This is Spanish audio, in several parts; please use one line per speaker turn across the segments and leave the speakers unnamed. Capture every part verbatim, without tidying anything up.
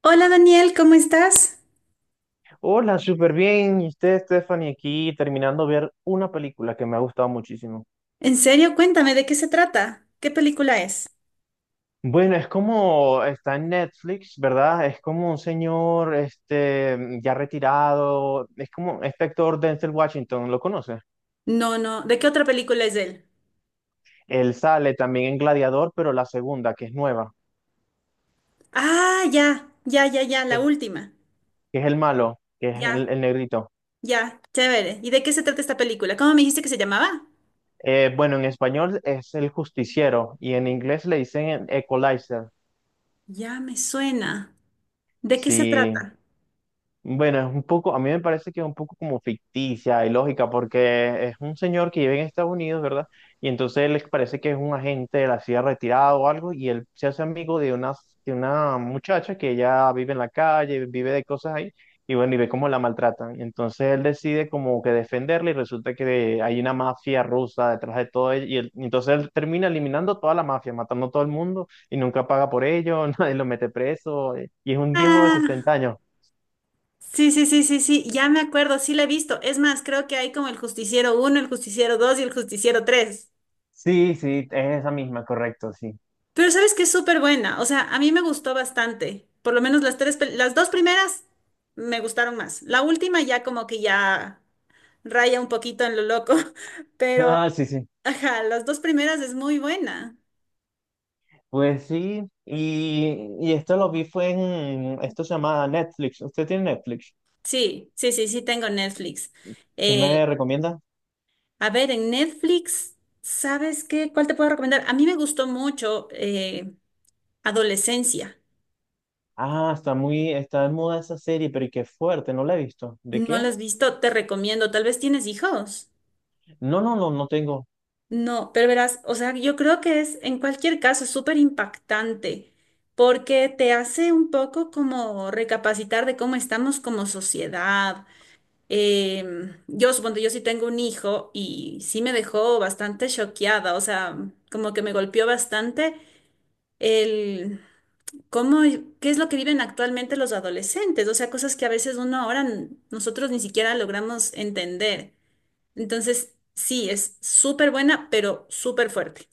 Hola Daniel, ¿cómo estás?
Hola, súper bien. Y usted, Stephanie, aquí terminando de ver una película que me ha gustado muchísimo.
En serio, cuéntame, ¿de qué se trata? ¿Qué película es?
Bueno, es como está en Netflix, ¿verdad? Es como un señor este, ya retirado. Es como este actor Denzel Washington, ¿lo conoce?
No, no, ¿de qué otra película es él?
Él sale también en Gladiador, pero la segunda, que es nueva,
Ah, ya, ya, ya, ya, la
que
última.
que es el malo, que es el,
Ya,
el negrito.
ya, chévere. ¿Y de qué se trata esta película? ¿Cómo me dijiste que se llamaba?
Eh, bueno, en español es el justiciero y en inglés le dicen Equalizer.
Ya me suena. ¿De qué se
Sí.
trata?
Bueno, es un poco, a mí me parece que es un poco como ficticia y lógica, porque es un señor que vive en Estados Unidos, ¿verdad? Y entonces les parece que es un agente de la C I A retirado o algo, y él se hace amigo de una, de una muchacha que ella vive en la calle, vive de cosas ahí, y bueno, y ve cómo la maltratan. Entonces él decide como que defenderla, y resulta que hay una mafia rusa detrás de todo ello, y, él- y entonces él termina eliminando toda la mafia, matando a todo el mundo, y nunca paga por ello, nadie lo mete preso, y es un viejo de
Ah,
sesenta años.
sí, sí, sí, sí, sí, ya me acuerdo, sí la he visto. Es más, creo que hay como el Justiciero uno, el Justiciero dos y el Justiciero tres.
Sí, sí, es esa misma, correcto, sí.
Pero sabes que es súper buena, o sea, a mí me gustó bastante, por lo menos las tres, pel- las dos primeras me gustaron más, la última ya como que ya raya un poquito en lo loco, pero
Ah, sí, sí.
ajá, las dos primeras es muy buena.
Pues sí, y, y esto lo vi fue en, esto se llama Netflix. ¿Usted tiene Netflix?
Sí, sí, sí, sí tengo Netflix.
¿Qué
Eh,
me recomienda?
a ver, en Netflix, ¿sabes qué? ¿Cuál te puedo recomendar? A mí me gustó mucho eh, Adolescencia,
Ah, está muy, está de moda esa serie, pero y qué fuerte, no la he visto. ¿De qué
¿no la has
es?
visto? Te recomiendo, tal vez tienes hijos.
No, no, no, no tengo.
No, pero verás, o sea, yo creo que es en cualquier caso súper impactante porque te hace un poco como recapacitar de cómo estamos como sociedad. Em, yo supongo, yo sí tengo un hijo y sí me dejó bastante choqueada, o sea, como que me golpeó bastante el cómo, qué es lo que viven actualmente los adolescentes, o sea, cosas que a veces uno ahora n- nosotros ni siquiera logramos entender. Entonces, sí, es súper buena, pero súper fuerte.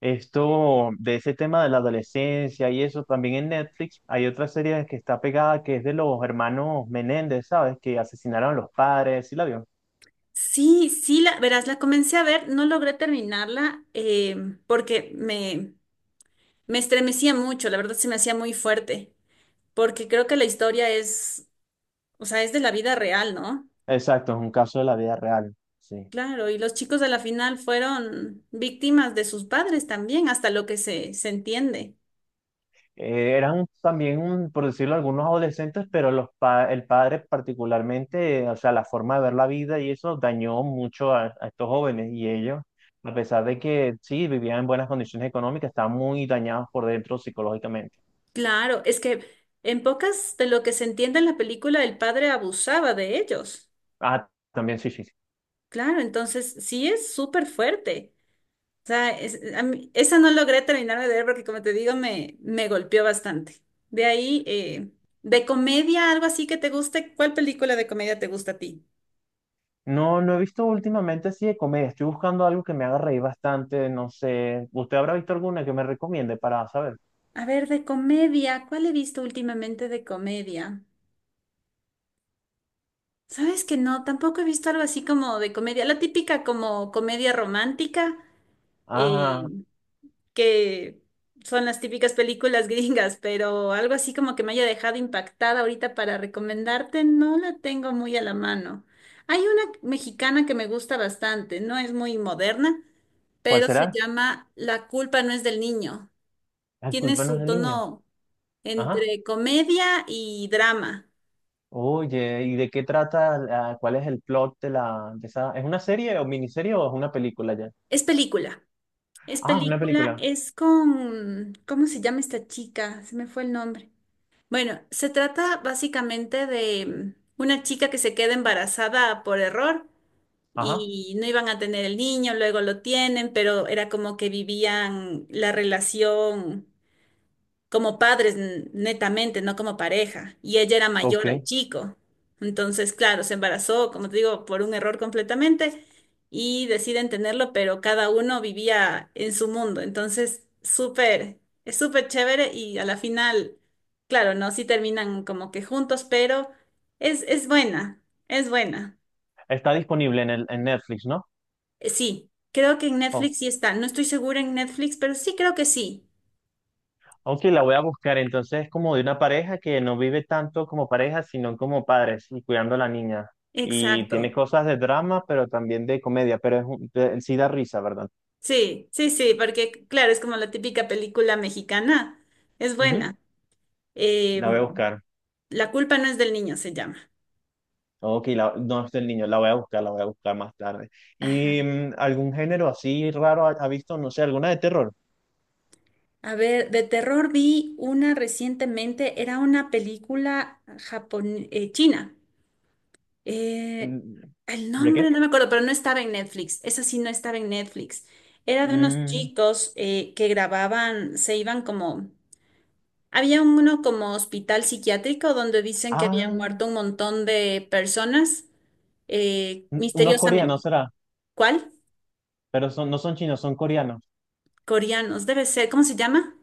Esto, de ese tema de la adolescencia y eso, también en Netflix hay otra serie que está pegada que es de los hermanos Menéndez, ¿sabes? Que asesinaron a los padres, ¿sí la vio?
Sí, sí, la, verás, la comencé a ver, no logré terminarla eh, porque me, me estremecía mucho, la verdad se me hacía muy fuerte, porque creo que la historia es, o sea, es de la vida real, ¿no?
Exacto, es un caso de la vida real, sí.
Claro, y los chicos de la final fueron víctimas de sus padres también, hasta lo que se, se entiende.
Eh, eran también, un- por decirlo, algunos adolescentes, pero los pa- el padre particularmente, eh, o sea, la forma de ver la vida y eso dañó mucho a, a estos jóvenes y ellos, a pesar de que sí, vivían en buenas condiciones económicas, estaban muy dañados por dentro psicológicamente.
Claro, es que en pocas de lo que se entiende en la película, el padre abusaba de ellos.
Ah, también sí, sí, sí.
Claro, entonces sí es súper fuerte. O sea, es- a mí- esa no logré terminarme de ver porque, como te digo, me, me golpeó bastante. De ahí, eh, de comedia, algo así que te guste, ¿cuál película de comedia te gusta a ti?
No, no he visto últimamente así de comedia. Estoy buscando algo que me haga reír bastante. No sé, ¿usted habrá visto alguna que me recomiende para saber?
A ver, de comedia, ¿cuál he visto últimamente de comedia? Sabes que no, tampoco he visto algo así como de comedia, la típica como comedia romántica.
Ajá,
Que son las típicas películas gringas, pero algo así como que me haya dejado impactada ahorita para recomendarte, no la tengo muy a la mano. Hay una mexicana que me gusta bastante, no es muy moderna,
¿cuál
pero se
será?
llama La culpa no es del niño.
La
Tiene
culpa no es
su
del niño.
tono
Ajá.
entre comedia y drama.
Oye, ¿y de qué trata? la- ¿Cuál es el plot de la de esa? ¿Es una serie o miniserie o es una película ya?
Es película, es
Ah, es una
película,
película.
es con, ¿cómo se llama esta chica? Se me fue el nombre. Bueno, se trata básicamente de mm, una chica que se queda embarazada por error
Ajá.
y no iban a tener el niño, luego lo tienen, pero era como que vivían la relación como padres n- netamente, no como pareja. Y ella era mayor al
Ok.
chico. Entonces, claro, se embarazó, como te digo, por un error completamente y deciden tenerlo, pero cada uno vivía en su mundo. Entonces, súper, es súper chévere y a la final, claro, no, sí terminan como que juntos, pero es, es buena, es buena.
¿Está disponible en el, en Netflix, ¿no?
Eh, Sí, creo que en
Oh.
Netflix sí está. No estoy segura en Netflix, pero sí creo que sí.
Ok, la voy a buscar. Entonces es como de una pareja que no vive tanto como pareja, sino como padres y cuidando a la niña. Y tiene
Exacto.
cosas de drama, pero también de comedia, pero es un- de- sí da risa, ¿verdad?
Sí, sí, sí, porque claro, es como la típica película mexicana. Es
Ujú.
buena. Eh,
La voy a buscar.
La culpa no es del niño, se llama.
Ok, la, no es del niño, la voy a buscar, la voy a buscar más tarde.
Ajá.
¿Y mm, algún género así raro ha, ha visto? No sé, alguna de terror.
A ver, de terror vi una recientemente, era una película japon eh, china. Eh,
Mm.
el
¿De qué?
nombre no me acuerdo, pero no estaba en Netflix. Esa sí no estaba en Netflix. Era de unos
Mm,
chicos eh, que grababan, se iban como... Había uno como hospital psiquiátrico donde dicen que habían
ah,
muerto un montón de personas eh,
un- unos
misteriosamente.
coreanos será,
¿Cuál?
pero son, no son chinos, son coreanos.
Coreanos, debe ser. ¿Cómo se llama?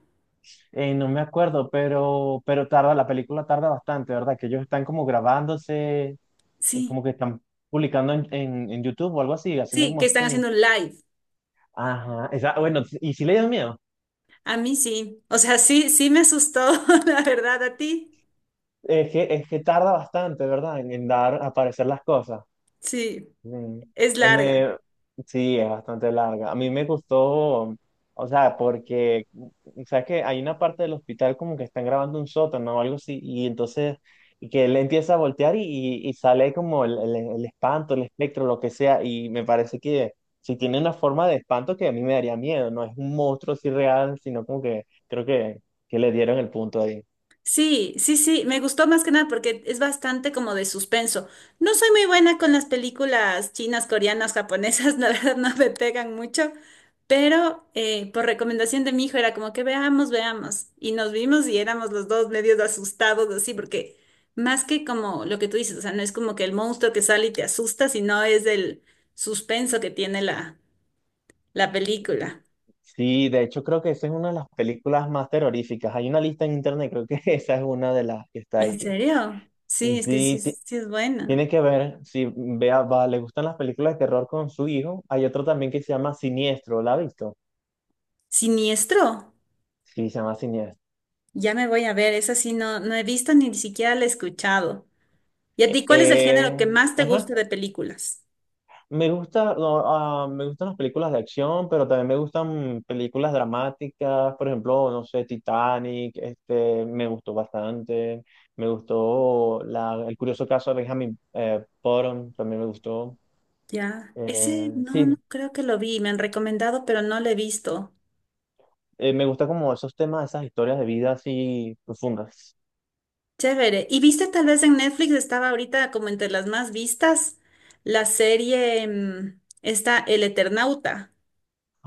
Eh, no me acuerdo, pero, pero tarda, la película tarda bastante, ¿verdad? Que ellos están como grabándose y como
Sí,
que están publicando en, en, en YouTube o algo así, haciendo
sí,
como
que están
streaming.
haciendo live.
Ajá, esa, bueno, y si le dio miedo.
A mí sí. O sea, sí, sí me asustó, la verdad, a ti.
Es que, es que tarda bastante, ¿verdad? En, en dar a aparecer las cosas.
Sí,
Sí.
es
Eh,
larga.
me- sí, es bastante larga. A mí me gustó, o sea, porque, o sea, que hay una parte del hospital como que están grabando un sótano o algo así, y entonces, y que él empieza a voltear y, y- y sale como el, el- el espanto, el espectro, lo que sea, y me parece que si tiene una forma de espanto que a mí me daría miedo, no es un monstruo así real, sino como que creo que, que le dieron el punto.
Sí, sí, sí, me gustó más que nada porque es bastante como de suspenso. No soy muy buena con las películas chinas, coreanas, japonesas, la verdad no me pegan mucho, pero eh, por recomendación de mi hijo era como que veamos, veamos. Y nos vimos y éramos los dos medios asustados así, porque más que como lo que tú dices, o sea, no es como que el monstruo que sale y te asusta, sino es el suspenso que tiene la, la película.
Sí, de hecho creo que esa es una de las películas más terroríficas. Hay una lista en internet, creo que esa es una de las que está
¿En
ahí.
serio?
Y
Sí, es que sí,
sí, ti-
es- sí es buena.
tiene que ver, si vea, va, le gustan las películas de terror con su hijo. Hay otro también que se llama Siniestro, ¿la ha visto?
¿Siniestro?
Sí, se llama Siniestro.
Ya me voy a ver, esa sí no, no he visto ni siquiera la he escuchado. ¿Y a ti cuál es el género
Eh,
que más te
ajá,
gusta de películas?
Me gusta, no, ah, me gustan las películas de acción, pero también me gustan películas dramáticas, por ejemplo, no sé, Titanic, este, me gustó bastante, me gustó la, El curioso caso de Benjamin eh, Button, también me gustó.
Ya, ese
Eh,
no,
sí,
no creo que lo vi, me han recomendado, pero no lo he visto.
eh, Me gusta como esos temas, esas historias de vida así profundas.
Chévere. ¿Y viste tal vez en Netflix estaba ahorita como entre las más vistas la serie mm, esta El Eternauta?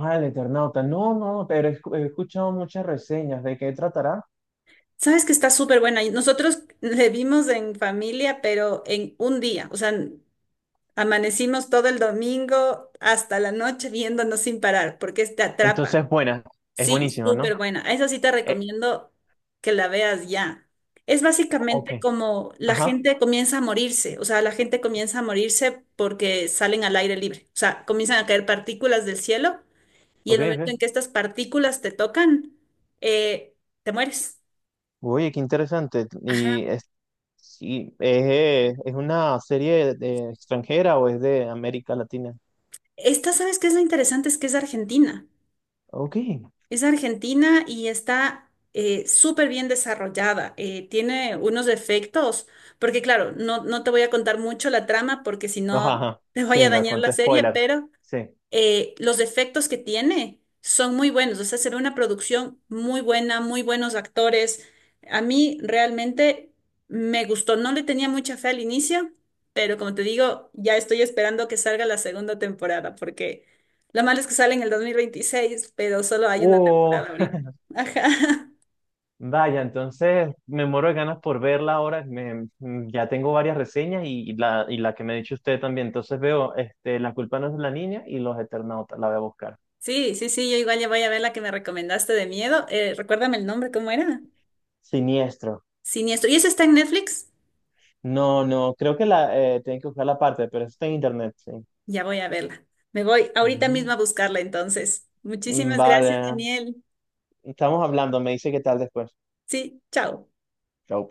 Ah, el Eternauta, no, no, pero he, escu- he escuchado muchas reseñas de qué tratará.
Sabes que está súper buena. Y nosotros le vimos en familia, pero en un día, o sea, amanecimos todo el domingo hasta la noche viéndonos sin parar, porque es- te atrapa.
Entonces, buena, es
Sí,
buenísima,
súper
¿no?
buena. A esa sí te
Eh,
recomiendo que la veas ya. Es básicamente
ok,
como la
ajá,
gente comienza a morirse, o sea, la gente comienza a morirse porque salen al aire libre, o sea, comienzan a caer partículas del cielo y
ok,
el momento en
ok.
que estas partículas te tocan, eh, te mueres.
Oye, qué interesante. Y
Ajá.
es, sí, es, eh, es una serie de- extranjera o es de América Latina.
Esta, ¿sabes qué es lo interesante? Es que es Argentina.
Ok.
Es argentina y está eh, súper bien desarrollada. Eh, tiene unos efectos, porque claro, no, no te voy a contar mucho la trama porque si no
Ajá, ajá.
te voy
Sí,
a
no,
dañar la
conté
serie,
spoiler.
pero
Sí.
eh, los efectos que tiene son muy buenos. O sea, se ve una producción muy buena, muy buenos actores. A mí realmente me gustó. No le tenía mucha fe al inicio, pero como te digo, ya estoy esperando que salga la segunda temporada, porque lo malo es que sale en el dos mil veintiséis, pero solo hay una
Uh,
temporada ahorita. Ajá.
vaya, entonces me muero de ganas por verla ahora. Me, mm, ya tengo varias reseñas y, y la, y la que me ha dicho usted también. Entonces veo este, La culpa no es de la niña y Los Eternautas. La voy a buscar.
Sí, sí, sí, yo igual ya voy a ver la que me recomendaste de miedo. Eh, recuérdame el nombre, ¿cómo era?
Siniestro.
Siniestro. ¿Y esa está en Netflix?
No, no, creo que la eh, tienen que buscar la parte, pero eso está en internet, sí.
Ya voy a verla. Me voy ahorita mismo
Ujú.
a buscarla entonces. Muchísimas gracias,
Vale.
Daniel.
Estamos hablando, me dice qué tal después.
Sí, chao.
Chau.